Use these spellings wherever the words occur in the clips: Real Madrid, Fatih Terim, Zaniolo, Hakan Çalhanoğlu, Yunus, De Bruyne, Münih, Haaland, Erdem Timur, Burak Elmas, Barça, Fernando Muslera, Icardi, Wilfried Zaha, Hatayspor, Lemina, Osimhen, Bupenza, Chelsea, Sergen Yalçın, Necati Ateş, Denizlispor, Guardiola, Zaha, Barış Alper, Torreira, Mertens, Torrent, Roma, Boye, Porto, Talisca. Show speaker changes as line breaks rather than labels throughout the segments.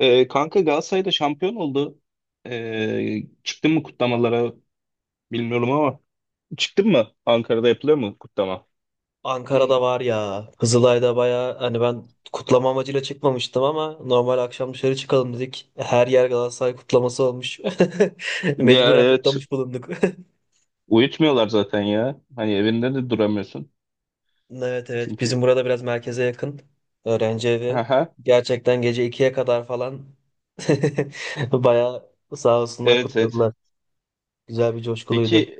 Kanka Galatasaray'da şampiyon oldu. Çıktın mı kutlamalara bilmiyorum ama çıktın mı? Ankara'da yapılıyor mu kutlama?
Ankara'da var ya. Kızılay'da baya hani ben kutlama amacıyla çıkmamıştım ama normal akşam dışarı çıkalım dedik. Her yer Galatasaray kutlaması olmuş.
Ya,
Mecburen
evet.
kutlamış bulunduk.
Uyutmuyorlar zaten ya. Hani evinde de duramıyorsun.
Evet evet bizim
Çünkü.
burada biraz merkeze yakın öğrenci evi.
Aha,
Gerçekten gece ikiye kadar falan baya sağ olsunlar
evet, evet.
kutladılar. Güzel bir
Peki
coşkuluydu.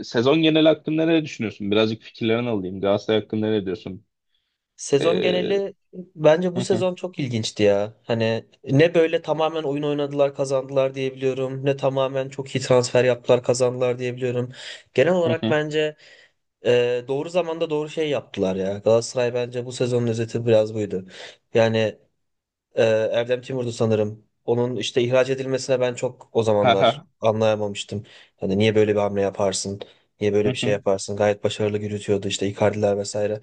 sezon genel hakkında ne düşünüyorsun? Birazcık fikirlerini alayım. Galatasaray hakkında ne diyorsun?
Sezon
Ee,
geneli bence bu
hı hı,
sezon çok ilginçti ya. Hani ne böyle tamamen oyun oynadılar kazandılar diyebiliyorum. Ne tamamen çok iyi transfer yaptılar kazandılar diyebiliyorum. Genel
hı
olarak
hı.
bence doğru zamanda doğru şey yaptılar ya. Galatasaray bence bu sezonun özeti biraz buydu. Yani ee, Erdem Timur'du sanırım. Onun işte ihraç edilmesine ben çok o
Ha ha,
zamanlar anlayamamıştım. Hani niye böyle bir hamle yaparsın? Niye
hı
böyle bir şey
hı,
yaparsın? Gayet başarılı yürütüyordu işte Icardi'ler vesaire.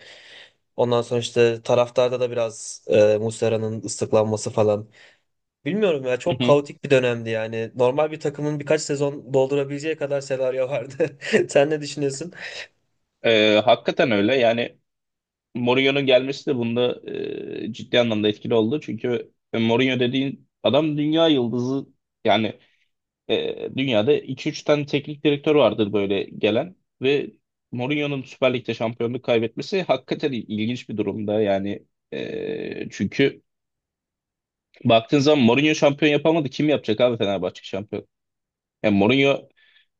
Ondan sonra işte taraftarda da biraz Muslera'nın ıslıklanması falan. Bilmiyorum ya
hı
çok
hı.
kaotik bir dönemdi yani. Normal bir takımın birkaç sezon doldurabileceği kadar senaryo vardı. Sen ne düşünüyorsun?
Hakikaten öyle. Yani Mourinho'nun gelmesi de bunda ciddi anlamda etkili oldu. Çünkü Mourinho dediğin adam dünya yıldızı yani, dünyada iki üç tane teknik direktör vardır böyle gelen ve Mourinho'nun Süper Lig'de şampiyonluk kaybetmesi hakikaten ilginç bir durumda. Yani, çünkü baktığın zaman Mourinho şampiyon yapamadı. Kim yapacak abi Fenerbahçe şampiyon? Yani Mourinho,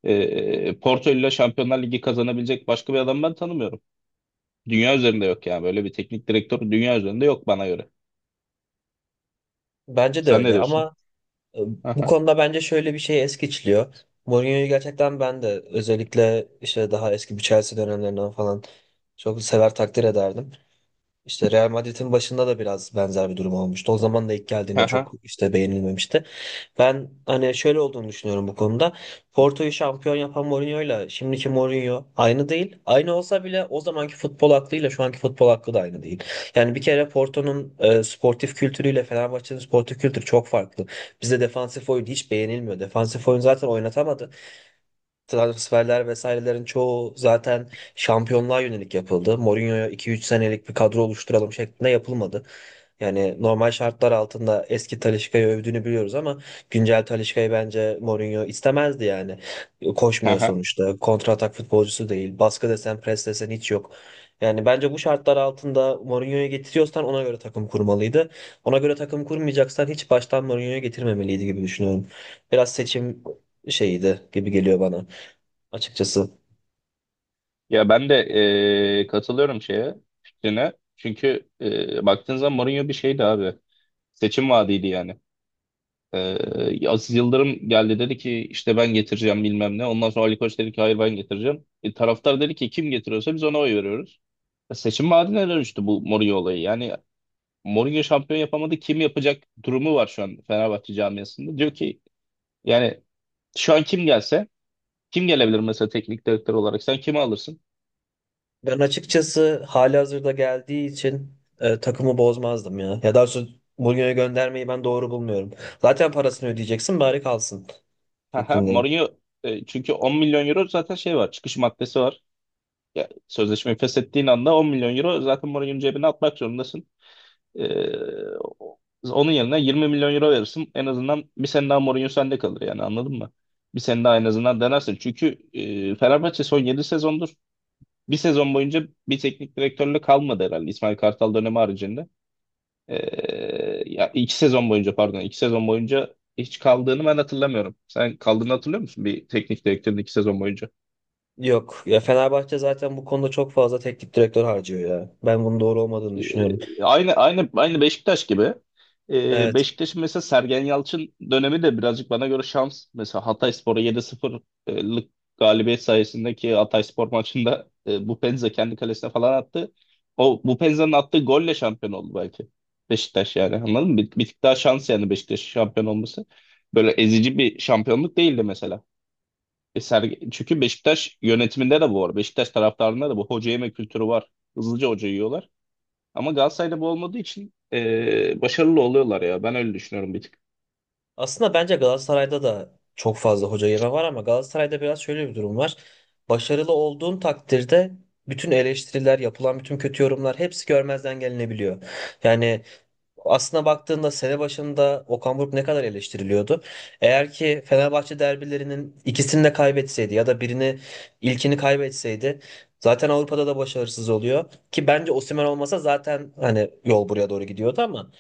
Porto ile Şampiyonlar Ligi kazanabilecek başka bir adam ben tanımıyorum. Dünya üzerinde yok, yani böyle bir teknik direktör dünya üzerinde yok bana göre.
Bence de
Sen ne
öyle
diyorsun?
ama. Ee, Bu
Aha,
konuda bence şöyle bir şey es geçiliyor. Mourinho'yu gerçekten ben de özellikle işte daha eski bir Chelsea dönemlerinden falan çok sever takdir ederdim. İşte Real Madrid'in başında da biraz benzer bir durum olmuştu. O zaman da ilk geldiğinde çok
aha,
işte beğenilmemişti. Ben hani şöyle olduğunu düşünüyorum bu konuda. Porto'yu şampiyon yapan Mourinho'yla şimdiki Mourinho aynı değil. Aynı olsa bile o zamanki futbol aklıyla şu anki futbol aklı da aynı değil. Yani bir kere Porto'nun sportif kültürüyle Fenerbahçe'nin sportif kültürü çok farklı. Bizde defansif oyun hiç beğenilmiyor. Defansif oyun zaten oynatamadı, transferler vesairelerin çoğu zaten şampiyonluğa yönelik yapıldı. Mourinho'ya 2-3 senelik bir kadro oluşturalım şeklinde yapılmadı. Yani normal şartlar altında eski Talisca'yı övdüğünü biliyoruz ama güncel Talisca'yı bence Mourinho istemezdi yani. Koşmuyor
aha.
sonuçta. Kontratak futbolcusu değil. Baskı desen, pres desen hiç yok. Yani bence bu şartlar altında Mourinho'yu getiriyorsan ona göre takım kurmalıydı. Ona göre takım kurmayacaksan hiç baştan Mourinho'yu getirmemeliydi gibi düşünüyorum. Biraz seçim şeyiydi gibi geliyor bana açıkçası.
Ya ben de katılıyorum şeye, fikrine. Çünkü baktığın zaman Mourinho bir şeydi abi. Seçim vaadiydi yani. Aziz Yıldırım geldi, dedi ki işte ben getireceğim bilmem ne. Ondan sonra Ali Koç dedi ki hayır ben getireceğim. Taraftar dedi ki kim getiriyorsa biz ona oy veriyoruz. Seçim vaadine dönüştü bu Mourinho olayı. Yani Mourinho şampiyon yapamadı kim yapacak durumu var şu an Fenerbahçe camiasında. Diyor ki yani şu an kim gelse, kim gelebilir mesela teknik direktör olarak? Sen kimi alırsın?
Ben açıkçası halihazırda geldiği için takımı bozmazdım ya. Ya daha doğrusu Mourinho'ya göndermeyi ben doğru bulmuyorum. Zaten parasını ödeyeceksin bari kalsın
Haha,
fikrindeyim.
Mourinho, çünkü 10 milyon euro zaten şey var. Çıkış maddesi var. Ya, sözleşmeyi feshettiğin anda 10 milyon euro zaten Mourinho'nun cebine atmak zorundasın. E, o- Onun yerine 20 milyon euro verirsin. En azından bir sene daha Mourinho sende kalır yani, anladın mı? Bir sene daha en azından denersin. Çünkü Fenerbahçe son 7 sezondur bir sezon boyunca bir teknik direktörle kalmadı herhalde, İsmail Kartal dönemi haricinde. Ya 2 sezon boyunca, pardon, 2 sezon boyunca hiç kaldığını ben hatırlamıyorum. Sen kaldığını hatırlıyor musun bir teknik direktörün 2 sezon boyunca?
Yok ya Fenerbahçe zaten bu konuda çok fazla teknik direktör harcıyor ya. Ben bunun doğru olmadığını düşünüyorum.
Aynı Beşiktaş gibi.
Evet.
Beşiktaş'ın mesela Sergen Yalçın dönemi de birazcık bana göre şans. Mesela Hatayspor'a 7-0'lık galibiyet sayesindeki Hatayspor maçında, Bupenza kendi kalesine falan attı. O Bupenza'nın attığı golle şampiyon oldu belki Beşiktaş, yani anladın mı? Bir tık daha şans yani Beşiktaş'ın şampiyon olması. Böyle ezici bir şampiyonluk değildi mesela. Çünkü Beşiktaş yönetiminde de bu var. Beşiktaş taraftarında da bu hoca yeme kültürü var. Hızlıca hoca yiyorlar. Ama Galatasaray'da bu olmadığı için başarılı oluyorlar ya. Ben öyle düşünüyorum bir tık.
Aslında bence Galatasaray'da da çok fazla hoca yeme var ama Galatasaray'da biraz şöyle bir durum var. Başarılı olduğun takdirde bütün eleştiriler, yapılan bütün kötü yorumlar hepsi görmezden gelinebiliyor. Yani aslına baktığında sene başında Okan Buruk ne kadar eleştiriliyordu. Eğer ki Fenerbahçe derbilerinin ikisini de kaybetseydi ya da birini, ilkini kaybetseydi zaten Avrupa'da da başarısız oluyor. Ki bence Osimhen olmasa zaten hani yol buraya doğru gidiyordu ama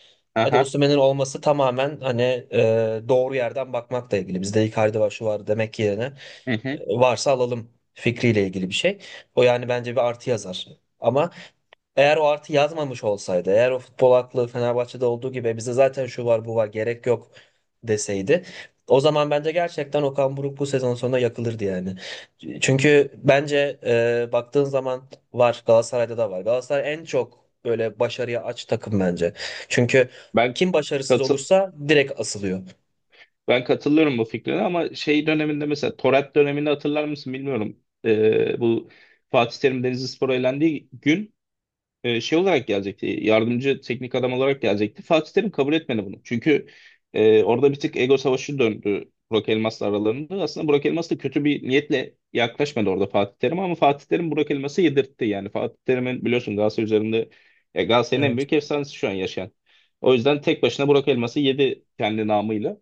hadi
Aha.
Osimhen'in olması tamamen hani doğru yerden bakmakla ilgili. Bizde Icardi var şu var demek yerine
Hı hı.
varsa alalım fikriyle ilgili bir şey. O yani bence bir artı yazar. Ama eğer o artı yazmamış olsaydı, eğer o futbol aklı Fenerbahçe'de olduğu gibi bize zaten şu var bu var gerek yok deseydi, o zaman bence gerçekten Okan Buruk bu sezon sonunda yakılırdı yani. Çünkü bence baktığın zaman var, Galatasaray'da da var. Galatasaray en çok böyle başarıya aç takım bence. Çünkü
Ben
kim başarısız
katı
olursa direkt asılıyor.
Ben katılıyorum bu fikrine ama şey döneminde, mesela Torat döneminde, hatırlar mısın bilmiyorum. Bu Fatih Terim Denizlispor'a elendiği gün şey olarak gelecekti. Yardımcı teknik adam olarak gelecekti. Fatih Terim kabul etmedi bunu. Çünkü orada bir tık ego savaşı döndü Burak Elmas'la aralarında. Aslında Burak Elmas da kötü bir niyetle yaklaşmadı orada Fatih Terim'e, ama Fatih Terim Burak Elmas'ı yedirtti. Yani Fatih Terim'in, biliyorsun, Galatasaray üzerinde, Galatasaray'ın en
Evet.
büyük efsanesi şu an yaşayan. O yüzden tek başına Burak Elmas'ı yedi kendi namıyla.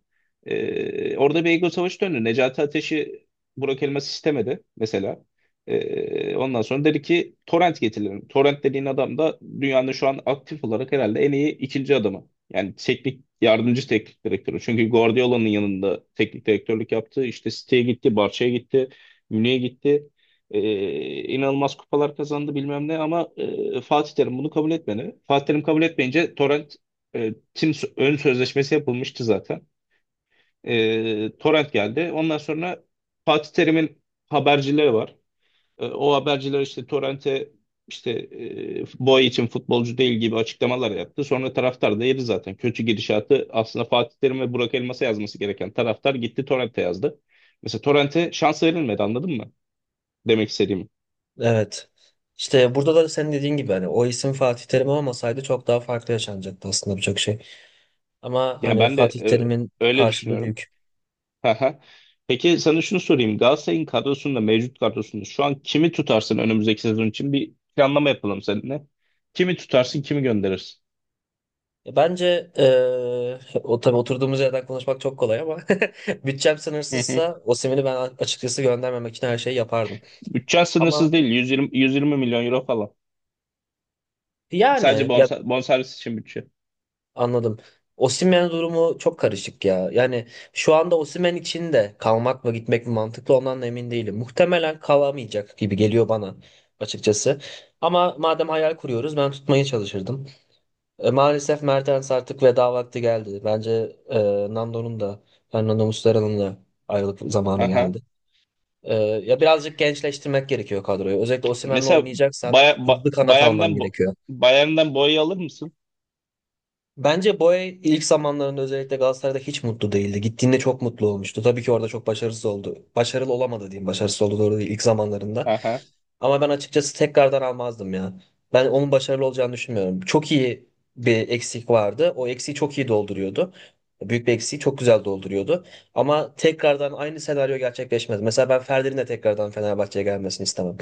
Orada bir ego savaşı döndü. Necati Ateş'i Burak Elmas istemedi mesela. Ondan sonra dedi ki torrent getirelim. Torrent dediğin adam da dünyanın şu an aktif olarak herhalde en iyi ikinci adamı. Yani teknik, yardımcı teknik direktörü. Çünkü Guardiola'nın yanında teknik direktörlük yaptı. İşte City'ye gitti, Barça'ya gitti, Münih'e gitti. İnanılmaz kupalar kazandı bilmem ne, ama Fatih Terim bunu kabul etmedi. Fatih Terim kabul etmeyince Torrent e, tim ön sözleşmesi yapılmıştı zaten. Torrent geldi. Ondan sonra Fatih Terim'in habercileri var. O haberciler işte Torrent'e, işte, boy için futbolcu değil gibi açıklamalar yaptı. Sonra taraftar da yedi zaten. Kötü gidişatı aslında Fatih Terim ve Burak Elmas'a yazması gereken taraftar gitti Torrent'e yazdı. Mesela Torrent'e şans verilmedi, anladın mı? Demek istediğim.
Evet. İşte burada da senin dediğin gibi hani o isim Fatih Terim olmasaydı çok daha farklı yaşanacaktı aslında birçok şey. Ama
Yani
hani
ben de
Fatih Terim'in
öyle
karşılığı
düşünüyorum.
büyük.
Haha. Peki sana şunu sorayım. Galatasaray'ın kadrosunda, mevcut kadrosunda şu an kimi tutarsın önümüzdeki sezon için? Bir planlama yapalım seninle. Kimi tutarsın, kimi gönderirsin?
Bence o tabii oturduğumuz yerden konuşmak çok kolay ama bütçem
Hı hı.
sınırsızsa Osimhen'i ben açıkçası göndermemek için her şeyi yapardım.
Bütçen
Ama
sınırsız değil. 120, 120 milyon euro falan. Sadece
yani ya
bonservis için bütçe.
anladım. Osimhen durumu çok karışık ya. Yani şu anda Osimhen için de kalmak mı gitmek mi mantıklı ondan da emin değilim. Muhtemelen kalamayacak gibi geliyor bana açıkçası. Ama madem hayal kuruyoruz ben tutmaya çalışırdım. Maalesef Mertens artık veda vakti geldi. Bence Nando'nun da Fernando Muslera'nın da ayrılık zamanı
Aha.
geldi. Ya birazcık gençleştirmek gerekiyor kadroyu. Özellikle Osimhen'le
Mesela
oynayacaksan
Bay ba
hızlı kanat alman
Bayern'den bo
gerekiyor.
Bayern'den boya alır mısın?
Bence Boye ilk zamanlarında özellikle Galatasaray'da hiç mutlu değildi. Gittiğinde çok mutlu olmuştu. Tabii ki orada çok başarısız oldu. Başarılı olamadı diyeyim. Başarısız oldu doğru değil ilk zamanlarında.
Aha.
Ama ben açıkçası tekrardan almazdım ya. Ben onun başarılı olacağını düşünmüyorum. Çok iyi bir eksik vardı. O eksiği çok iyi dolduruyordu. Büyük bir eksiği çok güzel dolduruyordu. Ama tekrardan aynı senaryo gerçekleşmez. Mesela ben Ferdi'nin de tekrardan Fenerbahçe'ye gelmesini istemem.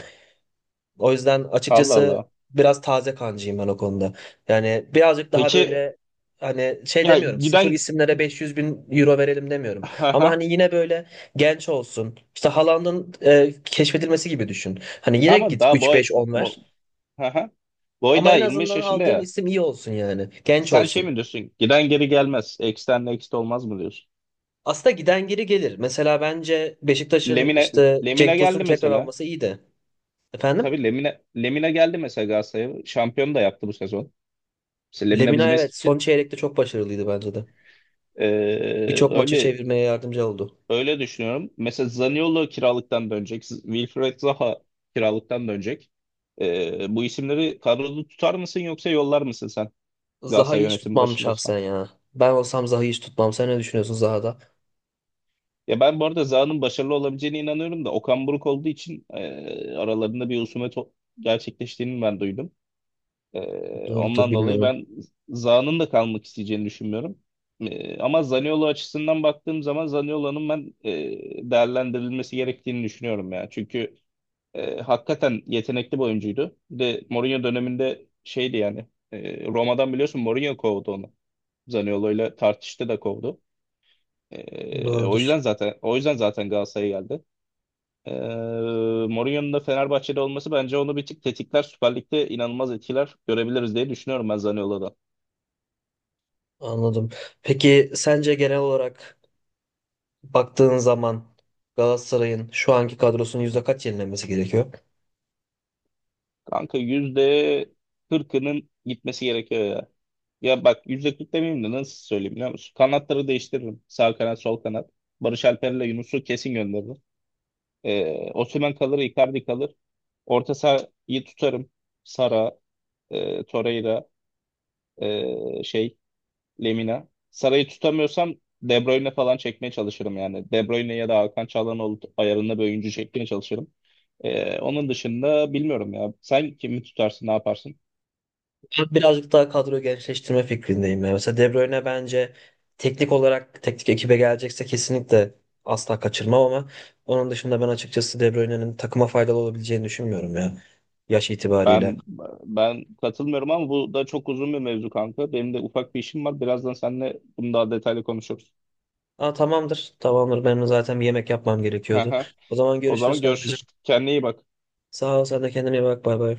O yüzden
Allah
açıkçası
Allah.
biraz taze kancıyım ben o konuda. Yani birazcık daha
Peki
böyle hani şey
ya
demiyorum, sıfır
giden.
isimlere 500 bin euro verelim demiyorum. Ama
Aha.
hani yine böyle genç olsun. İşte Haaland'ın keşfedilmesi gibi düşün. Hani yine
Ama
git
daha boy
3-5-10
bo
ver.
aha. Boy
Ama
daha
en
25
azından
yaşında
aldığın
ya.
isim iyi olsun yani. Genç
Sen şey
olsun.
mi diyorsun? Giden geri gelmez. X'ten next olmaz mı diyorsun?
Aslında giden geri gelir. Mesela bence Beşiktaş'ın
Lemine
işte Cenk
Lemine
Tosun'u
geldi
tekrar
mesela.
alması iyiydi. Efendim?
Tabii Lemine geldi mesela Galatasaray'a. Şampiyon da yaptı bu sezon. Mesela Lemine
Lemina
bizim
evet son
eski.
çeyrekte çok başarılıydı bence de.
eee,
Birçok maçı
öyle
çevirmeye yardımcı oldu.
Öyle düşünüyorum. Mesela Zaniolo kiralıktan dönecek. Wilfried Zaha kiralıktan dönecek. Bu isimleri kadroda tutar mısın yoksa yollar mısın sen
Zaha'yı
Galatasaray
hiç
yönetimi
tutmam
başında olsan?
şahsen ya. Ben olsam Zaha'yı hiç tutmam. Sen ne düşünüyorsun Zaha'da?
Ya ben bu arada Zaha'nın başarılı olabileceğine inanıyorum da, Okan Buruk olduğu için aralarında bir husumet gerçekleştiğini ben duydum. E,
Doğrudur
Ondan dolayı
bilmiyorum.
ben Zaha'nın da kalmak isteyeceğini düşünmüyorum. Ama Zaniolo açısından baktığım zaman, Zaniolo'nun ben değerlendirilmesi gerektiğini düşünüyorum ya. Çünkü hakikaten yetenekli bir oyuncuydu. Bir de Mourinho döneminde şeydi yani. Roma'dan biliyorsun Mourinho kovdu onu. Zaniolo ile tartıştı da kovdu.
Doğrudur.
O yüzden zaten Galatasaray'a geldi. E, Mourinho'nun da Fenerbahçe'de olması bence onu bir tık tetikler. Süper Lig'de inanılmaz etkiler görebiliriz diye düşünüyorum ben Zaniolo'dan.
Anladım. Peki sence genel olarak baktığın zaman Galatasaray'ın şu anki kadrosunun yüzde kaç yenilenmesi gerekiyor?
Kanka %40'ının gitmesi gerekiyor ya. Ya bak, %40 demeyeyim de nasıl söyleyeyim biliyor musun? Kanatları değiştiririm. Sağ kanat, sol kanat. Barış Alper'le Yunus'u kesin gönderirim. Osimhen kalır, Icardi kalır. Orta sahayı tutarım. Sara, Torreira, şey, Lemina. Sara'yı tutamıyorsam De Bruyne falan çekmeye çalışırım yani. De Bruyne ya da Hakan Çalhanoğlu ayarında bir oyuncu çekmeye çalışırım. Onun dışında bilmiyorum ya. Sen kimi tutarsın, ne yaparsın?
Ben birazcık daha kadro gençleştirme fikrindeyim ya. Mesela De Bruyne bence teknik olarak teknik ekibe gelecekse kesinlikle asla kaçırmam ama onun dışında ben açıkçası De Bruyne'nin takıma faydalı olabileceğini düşünmüyorum ya. Yaş itibariyle.
Ben ben katılmıyorum ama bu da çok uzun bir mevzu kanka. Benim de ufak bir işim var. Birazdan seninle bunu daha detaylı konuşuruz.
Aa, tamamdır. Tamamdır. Benim de zaten bir yemek yapmam gerekiyordu. O zaman
O zaman
görüşürüz kankacığım.
görüşürüz. Kendine iyi bak.
Sağ ol. Sen de kendine iyi bak. Bay bay.